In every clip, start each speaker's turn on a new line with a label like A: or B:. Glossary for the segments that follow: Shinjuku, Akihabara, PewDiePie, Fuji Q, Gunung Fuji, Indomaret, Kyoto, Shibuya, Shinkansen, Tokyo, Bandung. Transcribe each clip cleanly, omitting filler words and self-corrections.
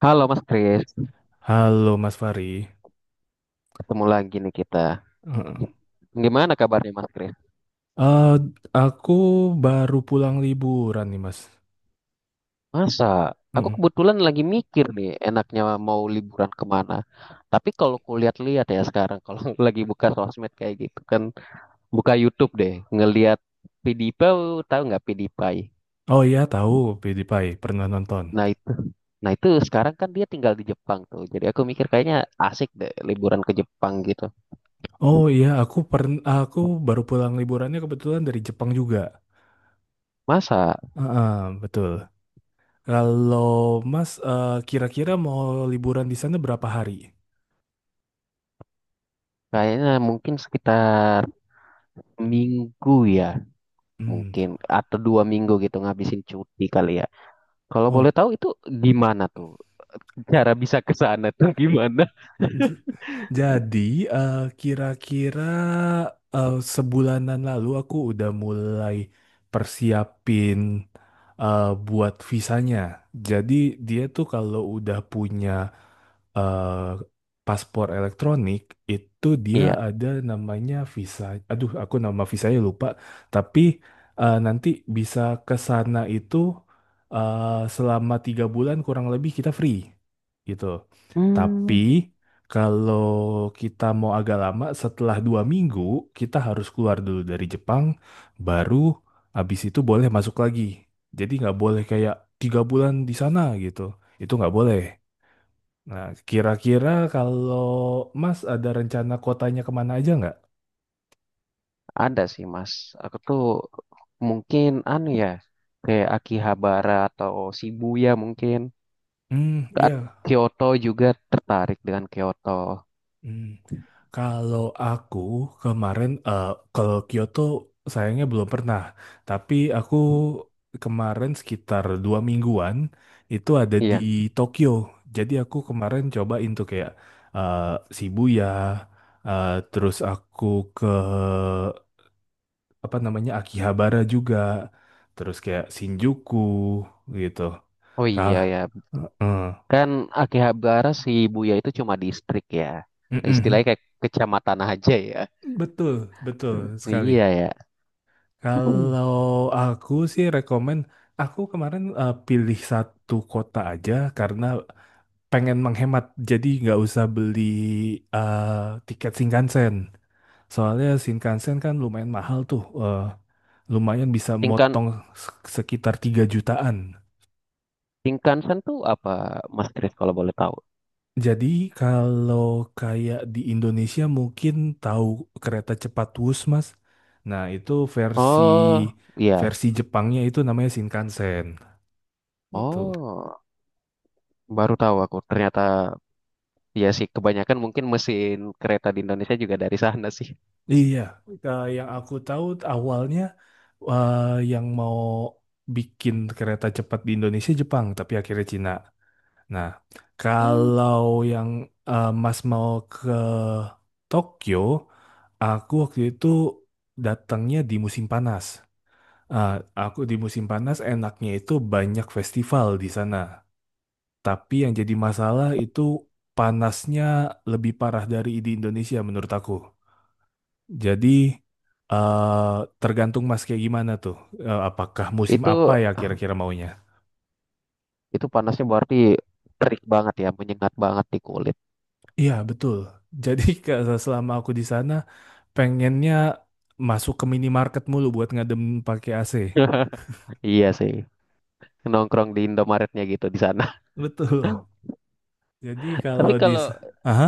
A: Halo Mas Kris,
B: Halo Mas Fari.
A: ketemu lagi nih kita.
B: Heeh.
A: Gimana kabarnya Mas Kris?
B: Eh, aku baru pulang liburan nih Mas.
A: Masa? Aku
B: Heeh.
A: kebetulan lagi mikir nih enaknya mau liburan kemana. Tapi kalau aku lihat-lihat ya sekarang, kalau lagi buka sosmed kayak gitu kan, buka YouTube deh, ngelihat PewDiePie, tahu nggak PewDiePie?
B: Oh iya tahu PewDiePie pernah nonton.
A: Nah itu, nah itu, sekarang kan dia tinggal di Jepang tuh. Jadi aku mikir kayaknya asik deh liburan ke Jepang gitu.
B: Oh iya aku baru pulang liburannya kebetulan dari Jepang juga.
A: Masa?
B: Heeh, betul. Kalau Mas kira-kira mau liburan di sana berapa hari?
A: Kayaknya mungkin sekitar minggu ya.
B: Hmm.
A: Mungkin atau dua minggu gitu ngabisin cuti kali ya. Kalau
B: Oh.
A: boleh tahu itu gimana tuh? Cara bisa ke sana tuh gimana?
B: Jadi, eh, kira-kira sebulanan lalu aku udah mulai persiapin buat visanya. Jadi, dia tuh kalau udah punya eh paspor elektronik itu dia
A: Iya.
B: ada namanya visa. Aduh, aku nama visanya lupa. Tapi nanti bisa ke sana itu eh, selama 3 bulan kurang lebih kita free gitu. Tapi
A: Hmm,
B: kalau kita mau agak lama, setelah 2 minggu kita harus keluar dulu dari Jepang, baru abis itu boleh masuk lagi. Jadi nggak boleh kayak 3 bulan di sana gitu. Itu nggak boleh. Nah, kira-kira kalau Mas ada rencana kotanya kemana aja nggak?
A: ada sih Mas. Aku tuh mungkin anu ya kayak Akihabara atau Shibuya mungkin.
B: Hmm, iya.
A: Kyoto juga tertarik dengan Kyoto.
B: Hmm. Kalau aku kemarin kalau Kyoto sayangnya belum pernah, tapi aku kemarin sekitar 2 mingguan itu ada di
A: Iya.
B: Tokyo. Jadi aku kemarin cobain tuh kayak eh, Shibuya, terus aku ke apa namanya Akihabara juga terus kayak Shinjuku gitu
A: Oh
B: kah.
A: iya ya.
B: Heeh.
A: Kan Akihabara Shibuya itu cuma distrik ya. Istilahnya
B: Mm-mm.
A: kayak kecamatan aja ya.
B: Betul betul sekali.
A: Iya ya.
B: Kalau aku sih rekomen aku kemarin pilih satu kota aja karena pengen menghemat jadi nggak usah beli tiket Shinkansen soalnya Shinkansen kan lumayan mahal tuh lumayan bisa
A: Tingkan
B: motong sekitar 3 jutaan.
A: Shinkansen tuh apa, Mas Chris? Kalau boleh tahu?
B: Jadi kalau kayak di Indonesia mungkin tahu kereta cepat Wus, Mas. Nah, itu versi
A: Oh, iya.
B: versi Jepangnya itu namanya Shinkansen. Gitu.
A: Oh, baru tahu aku. Ternyata ya sih kebanyakan mungkin mesin kereta di Indonesia juga dari sana sih.
B: Iya, yang aku tahu awalnya eh, yang mau bikin kereta cepat di Indonesia Jepang, tapi akhirnya Cina. Nah,
A: Hmm,
B: kalau yang Mas mau ke Tokyo, aku waktu itu datangnya di musim panas. Ah, aku di musim panas enaknya itu banyak festival di sana. Tapi yang jadi masalah itu panasnya lebih parah dari di Indonesia menurut aku. Jadi eh tergantung mas kayak gimana tuh. Apakah musim apa
A: itu
B: ya kira-kira maunya?
A: itu panasnya berarti terik banget ya, menyengat banget di kulit.
B: Iya betul. Jadi selama aku di sana pengennya masuk ke minimarket mulu buat ngadem pakai AC.
A: Iya sih. Nongkrong di Indomaretnya gitu di sana.
B: Betul. Jadi
A: Tapi
B: kalau di.
A: kalau
B: Aha.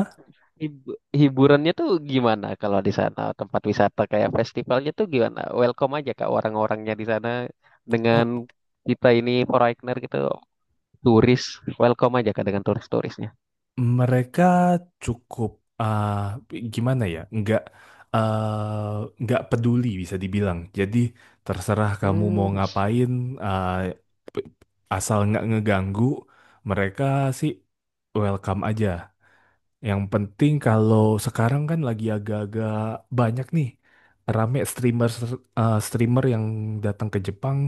A: Hiburannya tuh gimana kalau di sana tempat wisata kayak festivalnya tuh gimana? Welcome aja kak orang-orangnya di sana dengan
B: Oh,
A: kita ini foreigner gitu, turis, welcome aja kak dengan turis-turisnya.
B: mereka cukup gimana ya? Nggak peduli bisa dibilang. Jadi terserah kamu mau
A: Hmm,
B: ngapain, eh, p- asal nggak ngeganggu, mereka sih welcome aja. Yang penting kalau sekarang kan lagi agak-agak banyak nih rame streamer streamer yang datang ke Jepang,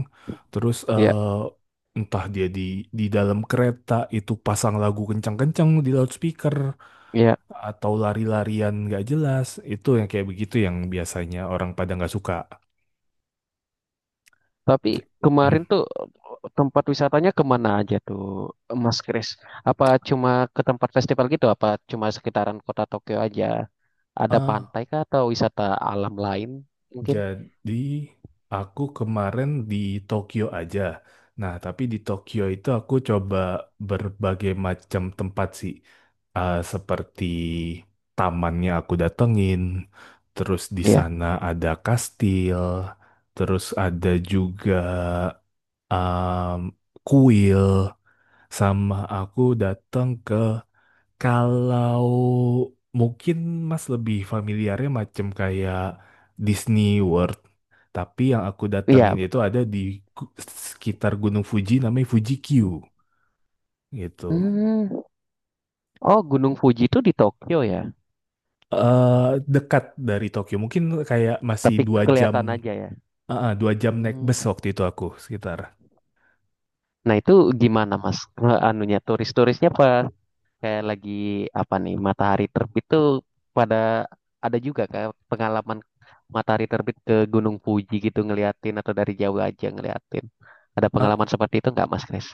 B: terus
A: ya
B: entah dia di dalam kereta itu pasang lagu kencang-kencang di loudspeaker
A: ya.
B: atau lari-larian nggak jelas itu yang kayak begitu yang biasanya orang pada nggak suka
A: Tapi
B: J-
A: kemarin
B: Hmm.
A: tuh tempat wisatanya kemana aja tuh Mas Kris? Apa cuma ke tempat festival gitu? Apa cuma sekitaran kota Tokyo aja? Ada
B: ah
A: pantai kah atau wisata alam lain mungkin?
B: jadi aku kemarin di Tokyo aja, nah tapi di Tokyo itu aku coba berbagai macam tempat sih. Ah, seperti tamannya aku datengin terus di
A: Iya,
B: sana ada kastil terus ada juga em, kuil sama aku datang ke. Kalau mungkin Mas lebih familiarnya macam kayak Disney World, tapi yang aku
A: iya
B: datengin itu
A: betul.
B: ada di gu- sekitar Gunung Fuji namanya Fuji Q gitu.
A: Hmm. Oh, Gunung Fuji itu di Tokyo ya?
B: eh Dekat dari Tokyo, mungkin kayak masih
A: Tapi
B: 2 jam.
A: kelihatan aja ya.
B: 2 jam naik
A: Hmm.
B: bus waktu itu aku sekitar.
A: Nah, itu gimana Mas? Eh, anunya turis-turisnya apa? Kayak lagi apa nih? Matahari terbit tuh pada ada juga kayak pengalaman matahari terbit ke Gunung Fuji gitu ngeliatin atau dari jauh aja ngeliatin. Ada pengalaman seperti itu nggak Mas Chris?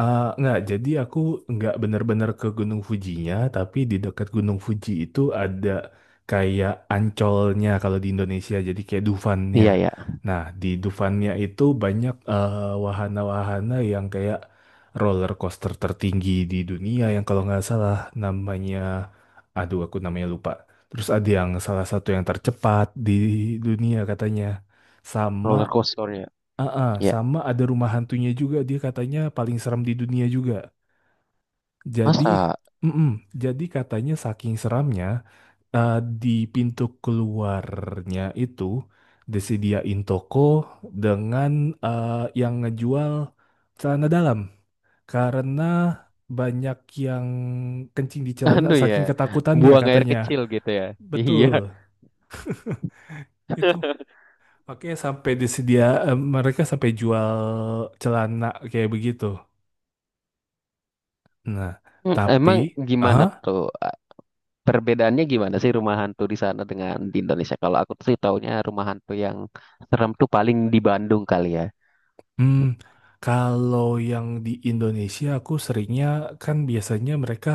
B: Nggak, jadi aku nggak bener-bener ke Gunung Fujinya, tapi di dekat Gunung Fuji itu ada kayak ancolnya kalau di Indonesia, jadi kayak Dufannya.
A: Iya ya.
B: Nah, di Dufannya itu banyak wahana-wahana yang kayak roller coaster tertinggi di dunia yang kalau nggak salah namanya, aduh aku namanya lupa. Terus ada yang salah satu yang tercepat di dunia katanya. Sama.
A: Roller coasternya.
B: Heeh,
A: Iya.
B: sama ada rumah hantunya juga dia katanya paling seram di dunia juga. Jadi,
A: Masa.
B: mm-mm, jadi, katanya saking seramnya eh, di pintu keluarnya itu disediain toko dengan eh, yang ngejual celana dalam karena banyak yang kencing di celana
A: Anu ya,
B: saking ketakutannya
A: buang air
B: katanya.
A: kecil gitu ya. Iya.
B: Betul. Itu makanya sampai disedia mereka sampai jual celana kayak begitu. Nah,
A: Hmm,
B: tapi
A: emang gimana
B: ah,
A: tuh? Perbedaannya gimana sih rumah hantu di sana dengan di Indonesia? Kalau aku sih taunya rumah hantu yang serem tuh paling di Bandung kali ya.
B: hmm, kalau yang di Indonesia aku seringnya kan biasanya mereka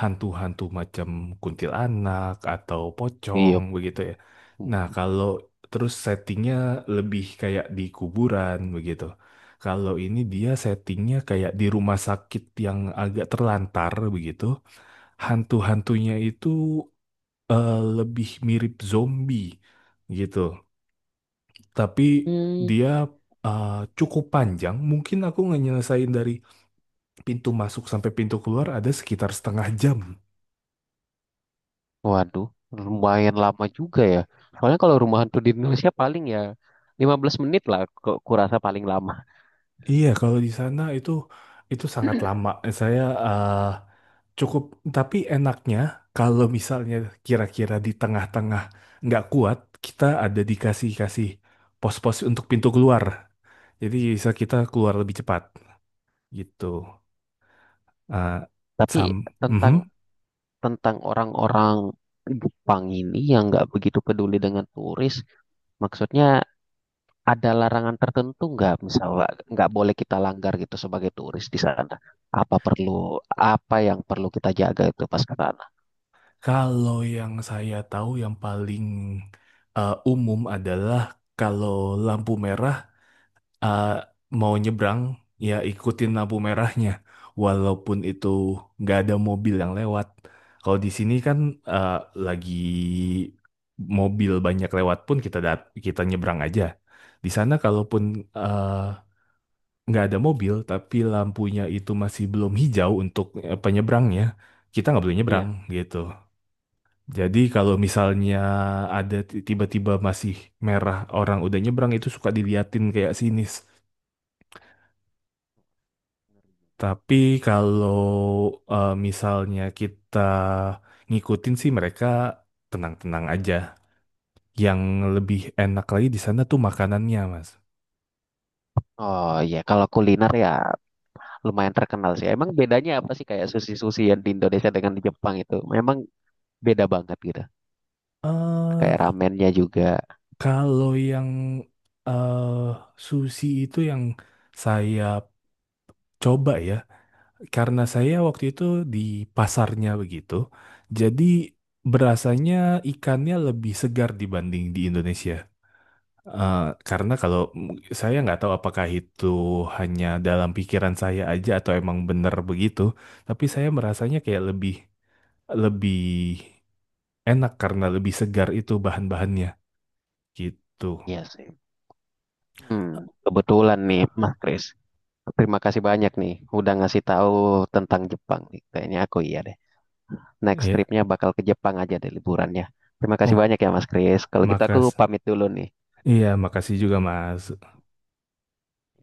B: hantu-hantu macam kuntilanak atau pocong
A: Iya.
B: begitu ya. Nah, kalau terus settingnya lebih kayak di kuburan begitu. Kalau ini dia settingnya kayak di rumah sakit yang agak terlantar begitu. Hantu-hantunya itu lebih mirip zombie gitu. Tapi
A: Hmm,
B: dia uh, cukup panjang. Mungkin aku ngenyelesain dari pintu masuk sampai pintu keluar ada sekitar setengah jam.
A: waduh, lumayan lama juga ya. Soalnya kalau rumah hantu di Indonesia paling ya 15 menit lah kurasa paling lama.
B: Iya, kalau di sana itu sangat lama. Saya uh, cukup, tapi enaknya kalau misalnya kira-kira di tengah-tengah nggak kuat, kita ada dikasih pos-pos untuk pintu keluar. Jadi bisa kita keluar lebih cepat gitu. Uh,
A: Tapi
B: sam,
A: tentang
B: Mhm.
A: tentang orang-orang Jepang ini yang nggak begitu peduli dengan turis, maksudnya ada larangan tertentu nggak misalnya nggak boleh kita langgar gitu sebagai turis di sana? Apa yang perlu kita jaga itu pas ke sana?
B: Kalau yang saya tahu yang paling umum adalah kalau lampu merah eh, mau nyebrang ya ikutin lampu merahnya walaupun itu nggak ada mobil yang lewat. Kalau di sini kan eh, lagi mobil banyak lewat pun kita nyebrang aja. Di sana kalaupun eh, nggak ada mobil tapi lampunya itu masih belum hijau untuk penyebrangnya, kita nggak boleh nyebrang
A: Iya.
B: gitu. Jadi kalau misalnya ada tiba-tiba masih merah orang udah nyebrang itu suka diliatin kayak sinis. Tapi kalau misalnya kita ngikutin sih mereka tenang-tenang aja. Yang lebih enak lagi di sana tuh makanannya, Mas.
A: Oh iya, kalau kuliner ya lumayan terkenal sih. Emang bedanya apa sih kayak sushi-sushi yang di Indonesia dengan di Jepang itu? Memang beda banget gitu. Kayak
B: eh
A: ramennya juga.
B: Kalau yang eh sushi itu yang saya coba ya. Karena saya waktu itu di pasarnya begitu, jadi berasanya ikannya lebih segar dibanding di Indonesia. Eh, karena kalau saya nggak tahu apakah itu hanya dalam pikiran saya aja atau emang benar begitu, tapi saya merasanya kayak lebih lebih enak karena lebih segar itu bahan-bahannya gitu.
A: Iya sih. Hmm, kebetulan nih Mas Kris. Terima kasih banyak nih udah ngasih tahu tentang Jepang nih. Kayaknya aku iya deh. Next
B: Ya.
A: tripnya bakal ke Jepang aja deh liburannya. Terima kasih
B: Oh,
A: banyak ya Mas Kris. Kalau gitu aku
B: makas.
A: pamit dulu nih.
B: Iya, makasih juga Mas.